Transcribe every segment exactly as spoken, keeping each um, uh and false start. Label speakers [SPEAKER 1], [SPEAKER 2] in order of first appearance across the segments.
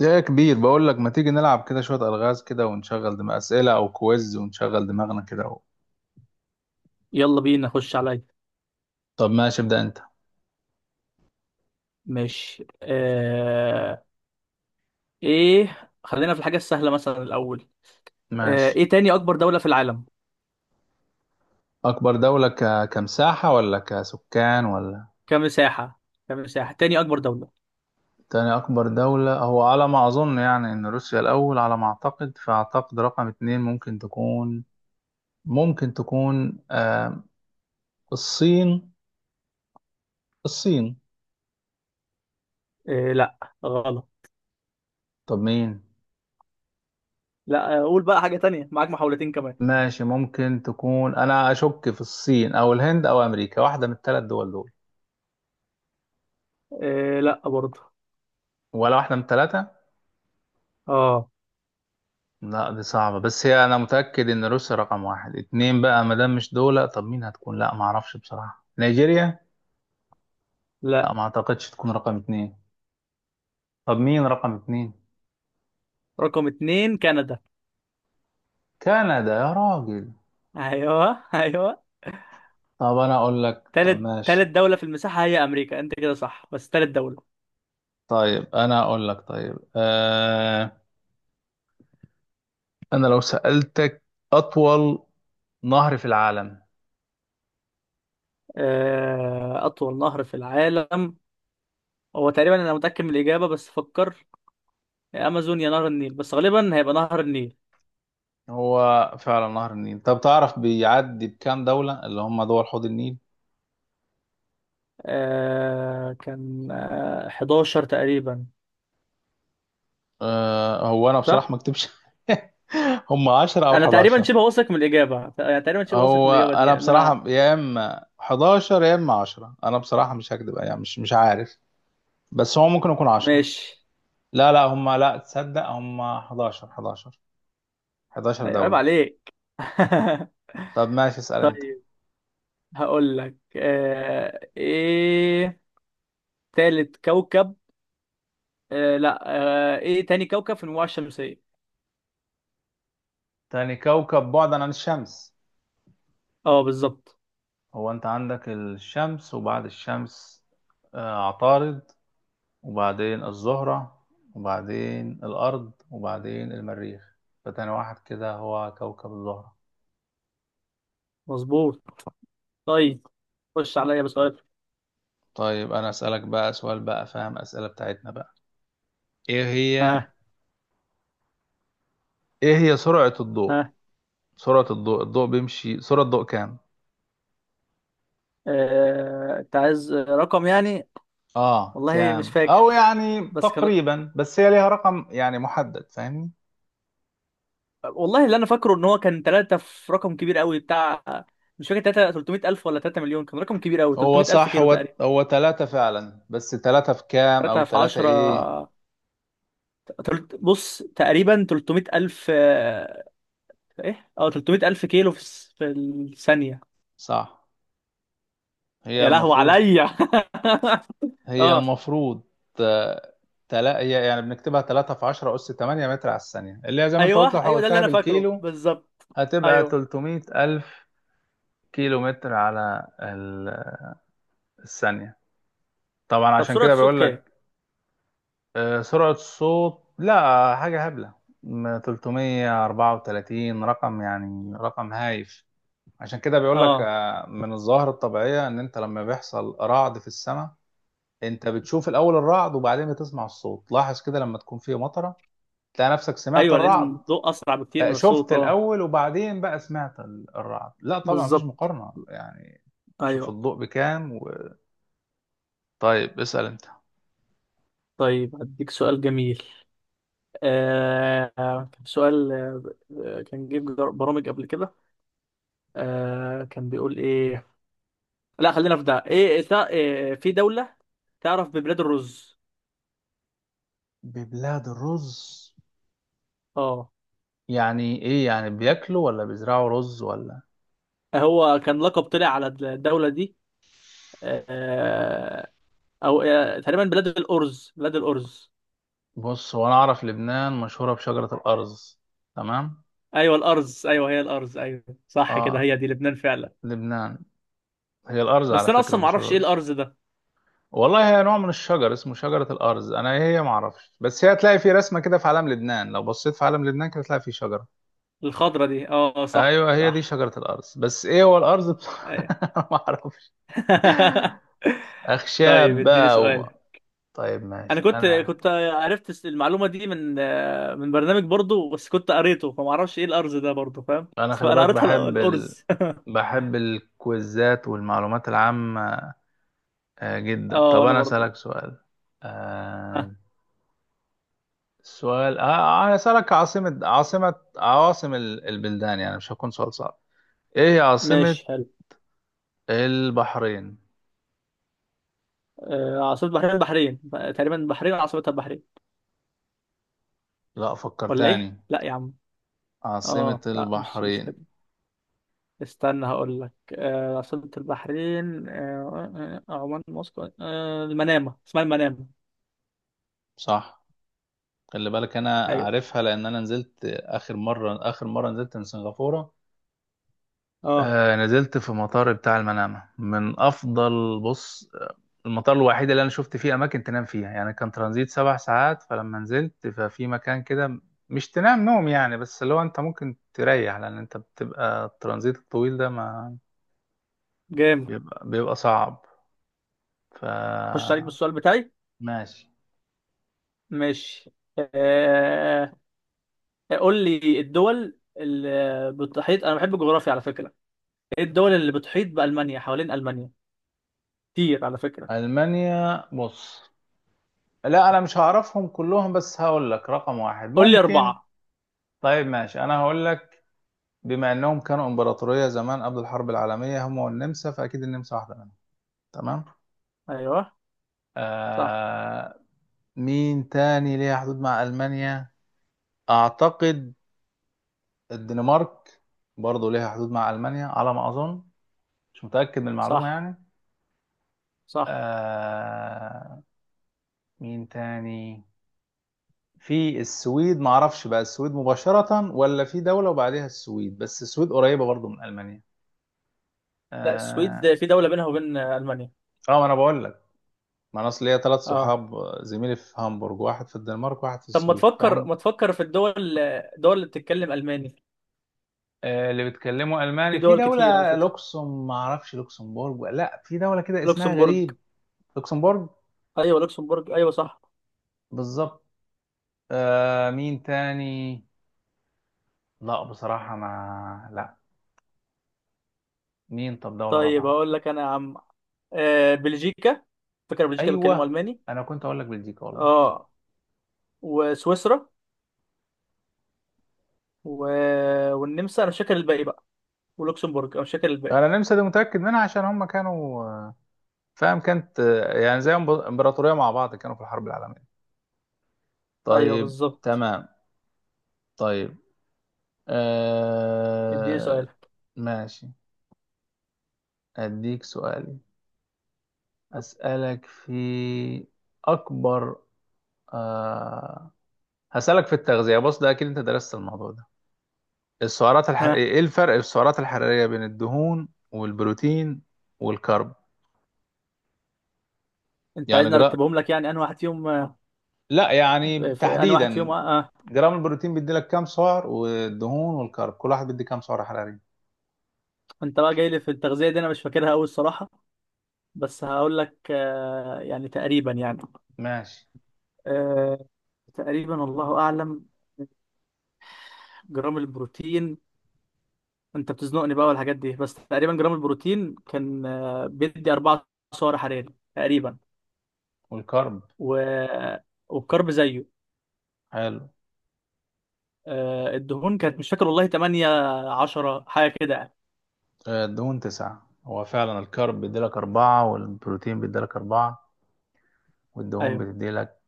[SPEAKER 1] يا كبير، بقول لك ما تيجي نلعب كده شوية ألغاز كده ونشغل دماغ، أسئلة أو كويز ونشغل دماغنا كده و...
[SPEAKER 2] يلا بينا نخش عليا.
[SPEAKER 1] طب ماشي، ابدأ أنت.
[SPEAKER 2] ماشي. آه... ايه، خلينا في الحاجة السهلة مثلا الأول. آه...
[SPEAKER 1] ماشي.
[SPEAKER 2] ايه، تاني أكبر دولة في العالم؟
[SPEAKER 1] أكبر دولة ك... كمساحة ولا كسكان، ولا؟
[SPEAKER 2] كمساحة. كمساحة، تاني أكبر دولة.
[SPEAKER 1] تاني أكبر دولة، هو على ما أظن يعني إن روسيا الأول على ما أعتقد، فأعتقد رقم اتنين ممكن تكون، ممكن تكون آه... الصين. الصين.
[SPEAKER 2] آه... لا، غلط.
[SPEAKER 1] طب مين؟
[SPEAKER 2] لا، آه، قول بقى حاجة تانية، معاك محاولتين كمان.
[SPEAKER 1] ماشي، ممكن تكون. أنا أشك في الصين أو الهند أو أمريكا، واحدة من الثلاث دول دول
[SPEAKER 2] آه... لا برضه.
[SPEAKER 1] ولا واحدة من الثلاثة؟
[SPEAKER 2] اه،
[SPEAKER 1] لا دي صعبة، بس هي أنا متأكد إن روسيا رقم واحد. اتنين بقى ما دام مش دول، طب مين هتكون؟ لا ما أعرفش بصراحة. نيجيريا؟ لا
[SPEAKER 2] لا.
[SPEAKER 1] ما أعتقدش تكون رقم اتنين. طب مين رقم اتنين؟
[SPEAKER 2] رقم اتنين كندا.
[SPEAKER 1] كندا يا راجل!
[SPEAKER 2] ايوه، ايوه.
[SPEAKER 1] طب أنا أقول لك. طب
[SPEAKER 2] تالت تالت
[SPEAKER 1] ماشي.
[SPEAKER 2] دولة في المساحة هي أمريكا، أنت كده صح، بس تالت دولة.
[SPEAKER 1] طيب أنا أقول لك، طيب. آه... أنا لو سألتك أطول نهر في العالم؟
[SPEAKER 2] آه... أطول نهر في العالم. هو تقريبا أنا متأكد من الإجابة، بس فكر. يا امازون يا نهر النيل، بس غالبا هيبقى نهر النيل.
[SPEAKER 1] هو فعلا نهر النيل. طب تعرف بيعدي بكام دولة، اللي هم دول حوض النيل؟
[SPEAKER 2] آه كان آه حداشر تقريبا.
[SPEAKER 1] آه... هو أنا بصراحة
[SPEAKER 2] صح.
[SPEAKER 1] ما أكتبش. هم عشرة أو
[SPEAKER 2] انا تقريبا
[SPEAKER 1] حداشر.
[SPEAKER 2] شبه واثق من الاجابه، ت- يعني تقريبا شبه واثق من
[SPEAKER 1] هو
[SPEAKER 2] الاجابه دي،
[SPEAKER 1] انا
[SPEAKER 2] يعني ان
[SPEAKER 1] بصراحه
[SPEAKER 2] انا...
[SPEAKER 1] يا اما حداشر يا اما عشرة. انا بصراحه مش هكدب يعني، مش مش عارف. بس هو ممكن يكون عشرة.
[SPEAKER 2] ماشي.
[SPEAKER 1] لا لا، هم لا تصدق، هم حداشر حداشر 11
[SPEAKER 2] أيوة، عيب
[SPEAKER 1] دوله.
[SPEAKER 2] عليك.
[SPEAKER 1] طب ماشي، اسال انت.
[SPEAKER 2] طيب. هقول لك، آه ايه، تالت كوكب. آه، لا. آه ايه، تاني كوكب في المجموعه الشمسيه.
[SPEAKER 1] تاني كوكب بعدا عن الشمس؟
[SPEAKER 2] اه، بالظبط.
[SPEAKER 1] هو انت عندك الشمس، وبعد الشمس آه، عطارد، وبعدين الزهره، وبعدين الارض، وبعدين المريخ. فتاني واحد كده هو كوكب الزهره.
[SPEAKER 2] مظبوط. طيب. خش عليا بسؤال.
[SPEAKER 1] طيب انا اسالك بقى سؤال، بقى فاهم اسئله بتاعتنا بقى. ايه هي
[SPEAKER 2] ها.
[SPEAKER 1] ايه هي سرعة الضوء؟
[SPEAKER 2] ها.
[SPEAKER 1] سرعة الضوء الضوء بيمشي، سرعة الضوء كام؟
[SPEAKER 2] آه، انت عايز رقم يعني؟
[SPEAKER 1] اه
[SPEAKER 2] والله مش
[SPEAKER 1] كام،
[SPEAKER 2] فاكر،
[SPEAKER 1] او يعني
[SPEAKER 2] بس كان...
[SPEAKER 1] تقريبا، بس هي ليها رقم يعني محدد، فاهمني؟
[SPEAKER 2] والله اللي انا فاكره ان هو كان ثلاثة في رقم كبير قوي بتاع... مش فاكر، ثلاثة تلتميت الف ولا ثلاثة مليون، كان رقم كبير قوي،
[SPEAKER 1] هو
[SPEAKER 2] تلتميت الف
[SPEAKER 1] صح،
[SPEAKER 2] كيلو
[SPEAKER 1] هو
[SPEAKER 2] تقريبا.
[SPEAKER 1] هو ثلاثة فعلا، بس ثلاثة في كام او
[SPEAKER 2] ثلاثة في
[SPEAKER 1] ثلاثة ايه؟
[SPEAKER 2] عشرة. تلت- بص، تقريبا ثلاثمية الف، آه، ايه، اه، ثلاثمية الف كيلو في الس- في الثانية.
[SPEAKER 1] صح. هي
[SPEAKER 2] يا لهو
[SPEAKER 1] المفروض
[SPEAKER 2] عليا.
[SPEAKER 1] هي
[SPEAKER 2] اه،
[SPEAKER 1] المفروض آه، تلا هي يعني بنكتبها ثلاثة في عشرة أس ثمانية متر على الثانية، اللي هي زي ما أنت
[SPEAKER 2] ايوه
[SPEAKER 1] قلت لو
[SPEAKER 2] ايوه، ده اللي
[SPEAKER 1] حولتها
[SPEAKER 2] انا فاكره
[SPEAKER 1] بالكيلو.
[SPEAKER 2] بالظبط.
[SPEAKER 1] هتبقى
[SPEAKER 2] ايوه.
[SPEAKER 1] 300 ألف كيلو متر على ال- الثانية. طبعا
[SPEAKER 2] طب
[SPEAKER 1] عشان
[SPEAKER 2] سرعة
[SPEAKER 1] كده
[SPEAKER 2] الصوت
[SPEAKER 1] بقول لك.
[SPEAKER 2] كام؟
[SPEAKER 1] آه، سرعة الصوت لا حاجة هبلة، م- تلتمية واربعة وتلاتين رقم، يعني رقم هايف. عشان كده بيقول لك
[SPEAKER 2] اه،
[SPEAKER 1] آه، من الظاهرة الطبيعية ان انت لما بيحصل رعد في السماء، انت بتشوف الاول الرعد وبعدين بتسمع الصوت. لاحظ كده لما تكون في مطرة، تلاقي نفسك سمعت
[SPEAKER 2] ايوه، لان
[SPEAKER 1] الرعد.
[SPEAKER 2] الضوء اسرع بكتير
[SPEAKER 1] آه،
[SPEAKER 2] من الصوت،
[SPEAKER 1] شفت
[SPEAKER 2] اه.
[SPEAKER 1] الاول وبعدين بقى سمعت ال- الرعد. لا طبعا مفيش
[SPEAKER 2] بالظبط.
[SPEAKER 1] مقارنة يعني. شوف
[SPEAKER 2] ايوه.
[SPEAKER 1] الضوء بكام و... طيب اسأل انت.
[SPEAKER 2] طيب، هديك سؤال جميل. آه سؤال... آه كان جيب جر- برامج قبل كده، آه كان بيقول ايه؟ لا، خلينا في ده، ايه، تع- إيه، في دولة تعرف ببلاد الرز؟
[SPEAKER 1] ببلاد الرز؟
[SPEAKER 2] اه.
[SPEAKER 1] يعني ايه؟ يعني بياكلوا ولا بيزرعوا رز، ولا؟
[SPEAKER 2] هو كان لقب طلع على الدولة دي. آه او، آه تقريبا بلاد الأرز، بلاد الأرز.
[SPEAKER 1] بص هو انا اعرف لبنان مشهورة بشجرة الارز، تمام.
[SPEAKER 2] ايوه الأرز، ايوه هي الأرز، ايوه صح كده،
[SPEAKER 1] اه،
[SPEAKER 2] هي دي لبنان فعلا.
[SPEAKER 1] لبنان. هي الارز
[SPEAKER 2] بس
[SPEAKER 1] على
[SPEAKER 2] انا
[SPEAKER 1] فكرة
[SPEAKER 2] اصلا ما
[SPEAKER 1] مش
[SPEAKER 2] اعرفش ايه
[SPEAKER 1] الرز.
[SPEAKER 2] الأرز ده.
[SPEAKER 1] والله هي نوع من الشجر اسمه شجرة الارز. انا إيه هي ما اعرفش، بس هي هتلاقي في رسمة كده في علم لبنان. لو بصيت في علم لبنان كده هتلاقي في شجرة.
[SPEAKER 2] الخضرة دي، اه، آه، صح
[SPEAKER 1] ايوه هي دي
[SPEAKER 2] صح.
[SPEAKER 1] شجرة الارز، بس ايه هو الارز
[SPEAKER 2] أيوة.
[SPEAKER 1] بصراحة؟ ما اعرفش،
[SPEAKER 2] طيب
[SPEAKER 1] اخشاب
[SPEAKER 2] اديني
[SPEAKER 1] بقى و...
[SPEAKER 2] سؤال.
[SPEAKER 1] طيب
[SPEAKER 2] انا
[SPEAKER 1] ماشي.
[SPEAKER 2] كنت
[SPEAKER 1] انا
[SPEAKER 2] كنت عرفت المعلومه دي من... من برنامج برضو، بس كنت قريته فما اعرفش ايه الارز ده برضو، فاهم،
[SPEAKER 1] انا
[SPEAKER 2] بس
[SPEAKER 1] خلي
[SPEAKER 2] انا
[SPEAKER 1] بالك،
[SPEAKER 2] قريتها الأ-
[SPEAKER 1] بحب ال...
[SPEAKER 2] الارز.
[SPEAKER 1] بحب الكويزات والمعلومات العامة. آه جدا.
[SPEAKER 2] اه،
[SPEAKER 1] طب
[SPEAKER 2] انا
[SPEAKER 1] انا
[SPEAKER 2] برضو.
[SPEAKER 1] اسالك سؤال.
[SPEAKER 2] آه
[SPEAKER 1] آه السؤال، آه آه، انا اسالك عاصمة، عاصمة عواصم ال- البلدان، يعني مش هكون سؤال صعب. ايه هي عاصمة
[SPEAKER 2] ماشي حلو.
[SPEAKER 1] البحرين؟
[SPEAKER 2] آه عاصمه بحرين؟ البحرين تقريبا، البحرين عاصمتها البحرين.
[SPEAKER 1] لا، فكر
[SPEAKER 2] ولا ايه؟
[SPEAKER 1] تاني.
[SPEAKER 2] لا يا عم.
[SPEAKER 1] عاصمة
[SPEAKER 2] اه، لا، مش مش كده.
[SPEAKER 1] البحرين؟
[SPEAKER 2] استنى هقول لك، آه عاصمه البحرين آه آه، آه، عمان، موسكو، آه المنامه، اسمها المنامه.
[SPEAKER 1] صح. خلي بالك انا
[SPEAKER 2] ايوه.
[SPEAKER 1] عارفها، لان انا نزلت اخر مرة اخر مرة نزلت من سنغافورة.
[SPEAKER 2] اه،
[SPEAKER 1] آه نزلت في مطار بتاع المنامة، من أفضل، بص آه، المطار الوحيد اللي أنا شفت فيه أماكن تنام فيها. يعني كان ترانزيت سبع ساعات، فلما نزلت ففي مكان كده، مش تنام نوم يعني، بس اللي هو أنت ممكن تريح، لأن أنت بتبقى الترانزيت الطويل ده ما
[SPEAKER 2] جامد.
[SPEAKER 1] بيبقى, بيبقى صعب. ف
[SPEAKER 2] اخش عليك بالسؤال بتاعي.
[SPEAKER 1] ماشي.
[SPEAKER 2] ماشي. آه، قول لي الدول اللي بتحيط، انا بحب الجغرافيا على فكره. ايه الدول اللي بتحيط بالمانيا؟ حوالين المانيا كتير على فكره.
[SPEAKER 1] ألمانيا، بص لا أنا مش هعرفهم كلهم، بس هقول لك رقم واحد
[SPEAKER 2] قول لي
[SPEAKER 1] ممكن.
[SPEAKER 2] اربعه.
[SPEAKER 1] طيب ماشي أنا هقول لك. بما انهم كانوا امبراطوريه زمان قبل الحرب العالميه هم والنمسا، فاكيد النمسا واحده منهم. تمام.
[SPEAKER 2] ايوه. صح.
[SPEAKER 1] آه مين تاني ليها حدود مع المانيا؟ اعتقد الدنمارك برضه ليها حدود مع المانيا، على ما اظن. مش متاكد من المعلومه
[SPEAKER 2] صح.
[SPEAKER 1] يعني.
[SPEAKER 2] صح.
[SPEAKER 1] آه مين تاني؟ في السويد، ما اعرفش بقى السويد مباشره ولا في دوله وبعدها السويد، بس السويد قريبه برضه من المانيا.
[SPEAKER 2] لا،
[SPEAKER 1] اه.
[SPEAKER 2] السويد في دوله بينها وبين المانيا.
[SPEAKER 1] آه، ما انا بقول لك. ما انا اصل ليا ثلاث
[SPEAKER 2] اه.
[SPEAKER 1] صحاب، زميلي في هامبورج، واحد في الدنمارك، واحد في
[SPEAKER 2] طب، ما
[SPEAKER 1] السويد،
[SPEAKER 2] تفكر
[SPEAKER 1] فهم.
[SPEAKER 2] ما تفكر في الدول الدول اللي بتتكلم الماني،
[SPEAKER 1] آه، اللي بيتكلموا
[SPEAKER 2] في
[SPEAKER 1] الماني، في
[SPEAKER 2] دول كتير على
[SPEAKER 1] دوله،
[SPEAKER 2] فكره.
[SPEAKER 1] لوكسم ما اعرفش لوكسمبورج ولا- لا، في دوله كده اسمها
[SPEAKER 2] لوكسمبورغ.
[SPEAKER 1] غريب. لوكسمبورج،
[SPEAKER 2] ايوه لوكسمبورغ، ايوه صح.
[SPEAKER 1] بالظبط. آه مين تاني؟ لا بصراحه، ما لا. مين؟ طب دوله
[SPEAKER 2] طيب
[SPEAKER 1] رابعه؟
[SPEAKER 2] اقول لك انا يا عم، آه، بلجيكا، فكره بلجيكا بيتكلموا
[SPEAKER 1] ايوه،
[SPEAKER 2] الماني.
[SPEAKER 1] انا كنت اقول لك بلجيكا والله.
[SPEAKER 2] اه. وسويسرا و... والنمسا، انا مش فاكر الباقي بقى. ولوكسمبورج، انا مش فاكر الباقي.
[SPEAKER 1] انا النمسا دي متاكد منها عشان هم كانوا آه، فاهم، كانت آه، يعني زي امبراطوريه مع بعض، كانوا في الحرب العالميه.
[SPEAKER 2] ايوه،
[SPEAKER 1] طيب
[SPEAKER 2] بالظبط.
[SPEAKER 1] تمام. طيب.
[SPEAKER 2] اديني سؤال.
[SPEAKER 1] آه... ماشي، أديك سؤالي. أسألك في أكبر، آه... هسألك في التغذية، بص ده أكيد أنت درست الموضوع ده. السعرات الح...
[SPEAKER 2] ها.
[SPEAKER 1] إيه الفرق في السعرات الحرارية بين الدهون والبروتين والكرب؟
[SPEAKER 2] انت
[SPEAKER 1] يعني
[SPEAKER 2] عايزني
[SPEAKER 1] جرا...
[SPEAKER 2] ارتبهم لك يعني؟ انا واحد فيهم آه،
[SPEAKER 1] لا يعني
[SPEAKER 2] في، انا واحد فيهم
[SPEAKER 1] تحديدا.
[SPEAKER 2] آه. آه.
[SPEAKER 1] جرام البروتين بيدي لك كام سعر، والدهون والكرب كل واحد بيدي كام سعر حراري؟
[SPEAKER 2] انت بقى جاي لي في التغذيه دي، انا مش فاكرها قوي الصراحه، بس هقول لك، آه، يعني تقريبا يعني
[SPEAKER 1] ماشي.
[SPEAKER 2] آه، تقريبا الله اعلم. جرام البروتين... انت بتزنقني بقى والحاجات دي، بس تقريبا جرام البروتين كان، آه، بيدي اربعة سعر حراري تقريبا.
[SPEAKER 1] والكرب؟
[SPEAKER 2] و... والكرب زيه.
[SPEAKER 1] حلو.
[SPEAKER 2] آه، الدهون، كانت مش فاكر والله، تمانية عشرة حاجه كده يعني.
[SPEAKER 1] آه، الدهون تسعة. هو فعلا الكارب بيديلك أربعة والبروتين بيديلك أربعة والدهون
[SPEAKER 2] ايوه.
[SPEAKER 1] بتديلك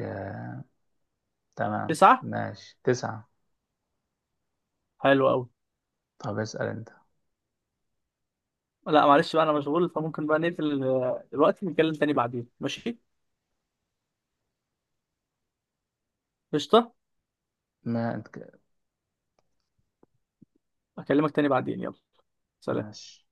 [SPEAKER 1] آه... تمام
[SPEAKER 2] تسعة.
[SPEAKER 1] ماشي، تسعة.
[SPEAKER 2] حلو قوي.
[SPEAKER 1] طب اسأل أنت.
[SPEAKER 2] لا معلش بقى، انا مشغول، فممكن بقى نقفل آه، دلوقتي، نتكلم تاني بعدين، ماشي. قشطه.
[SPEAKER 1] ما أنت ك-
[SPEAKER 2] اكلمك تاني بعدين، يلا. سلام.
[SPEAKER 1] ماشي.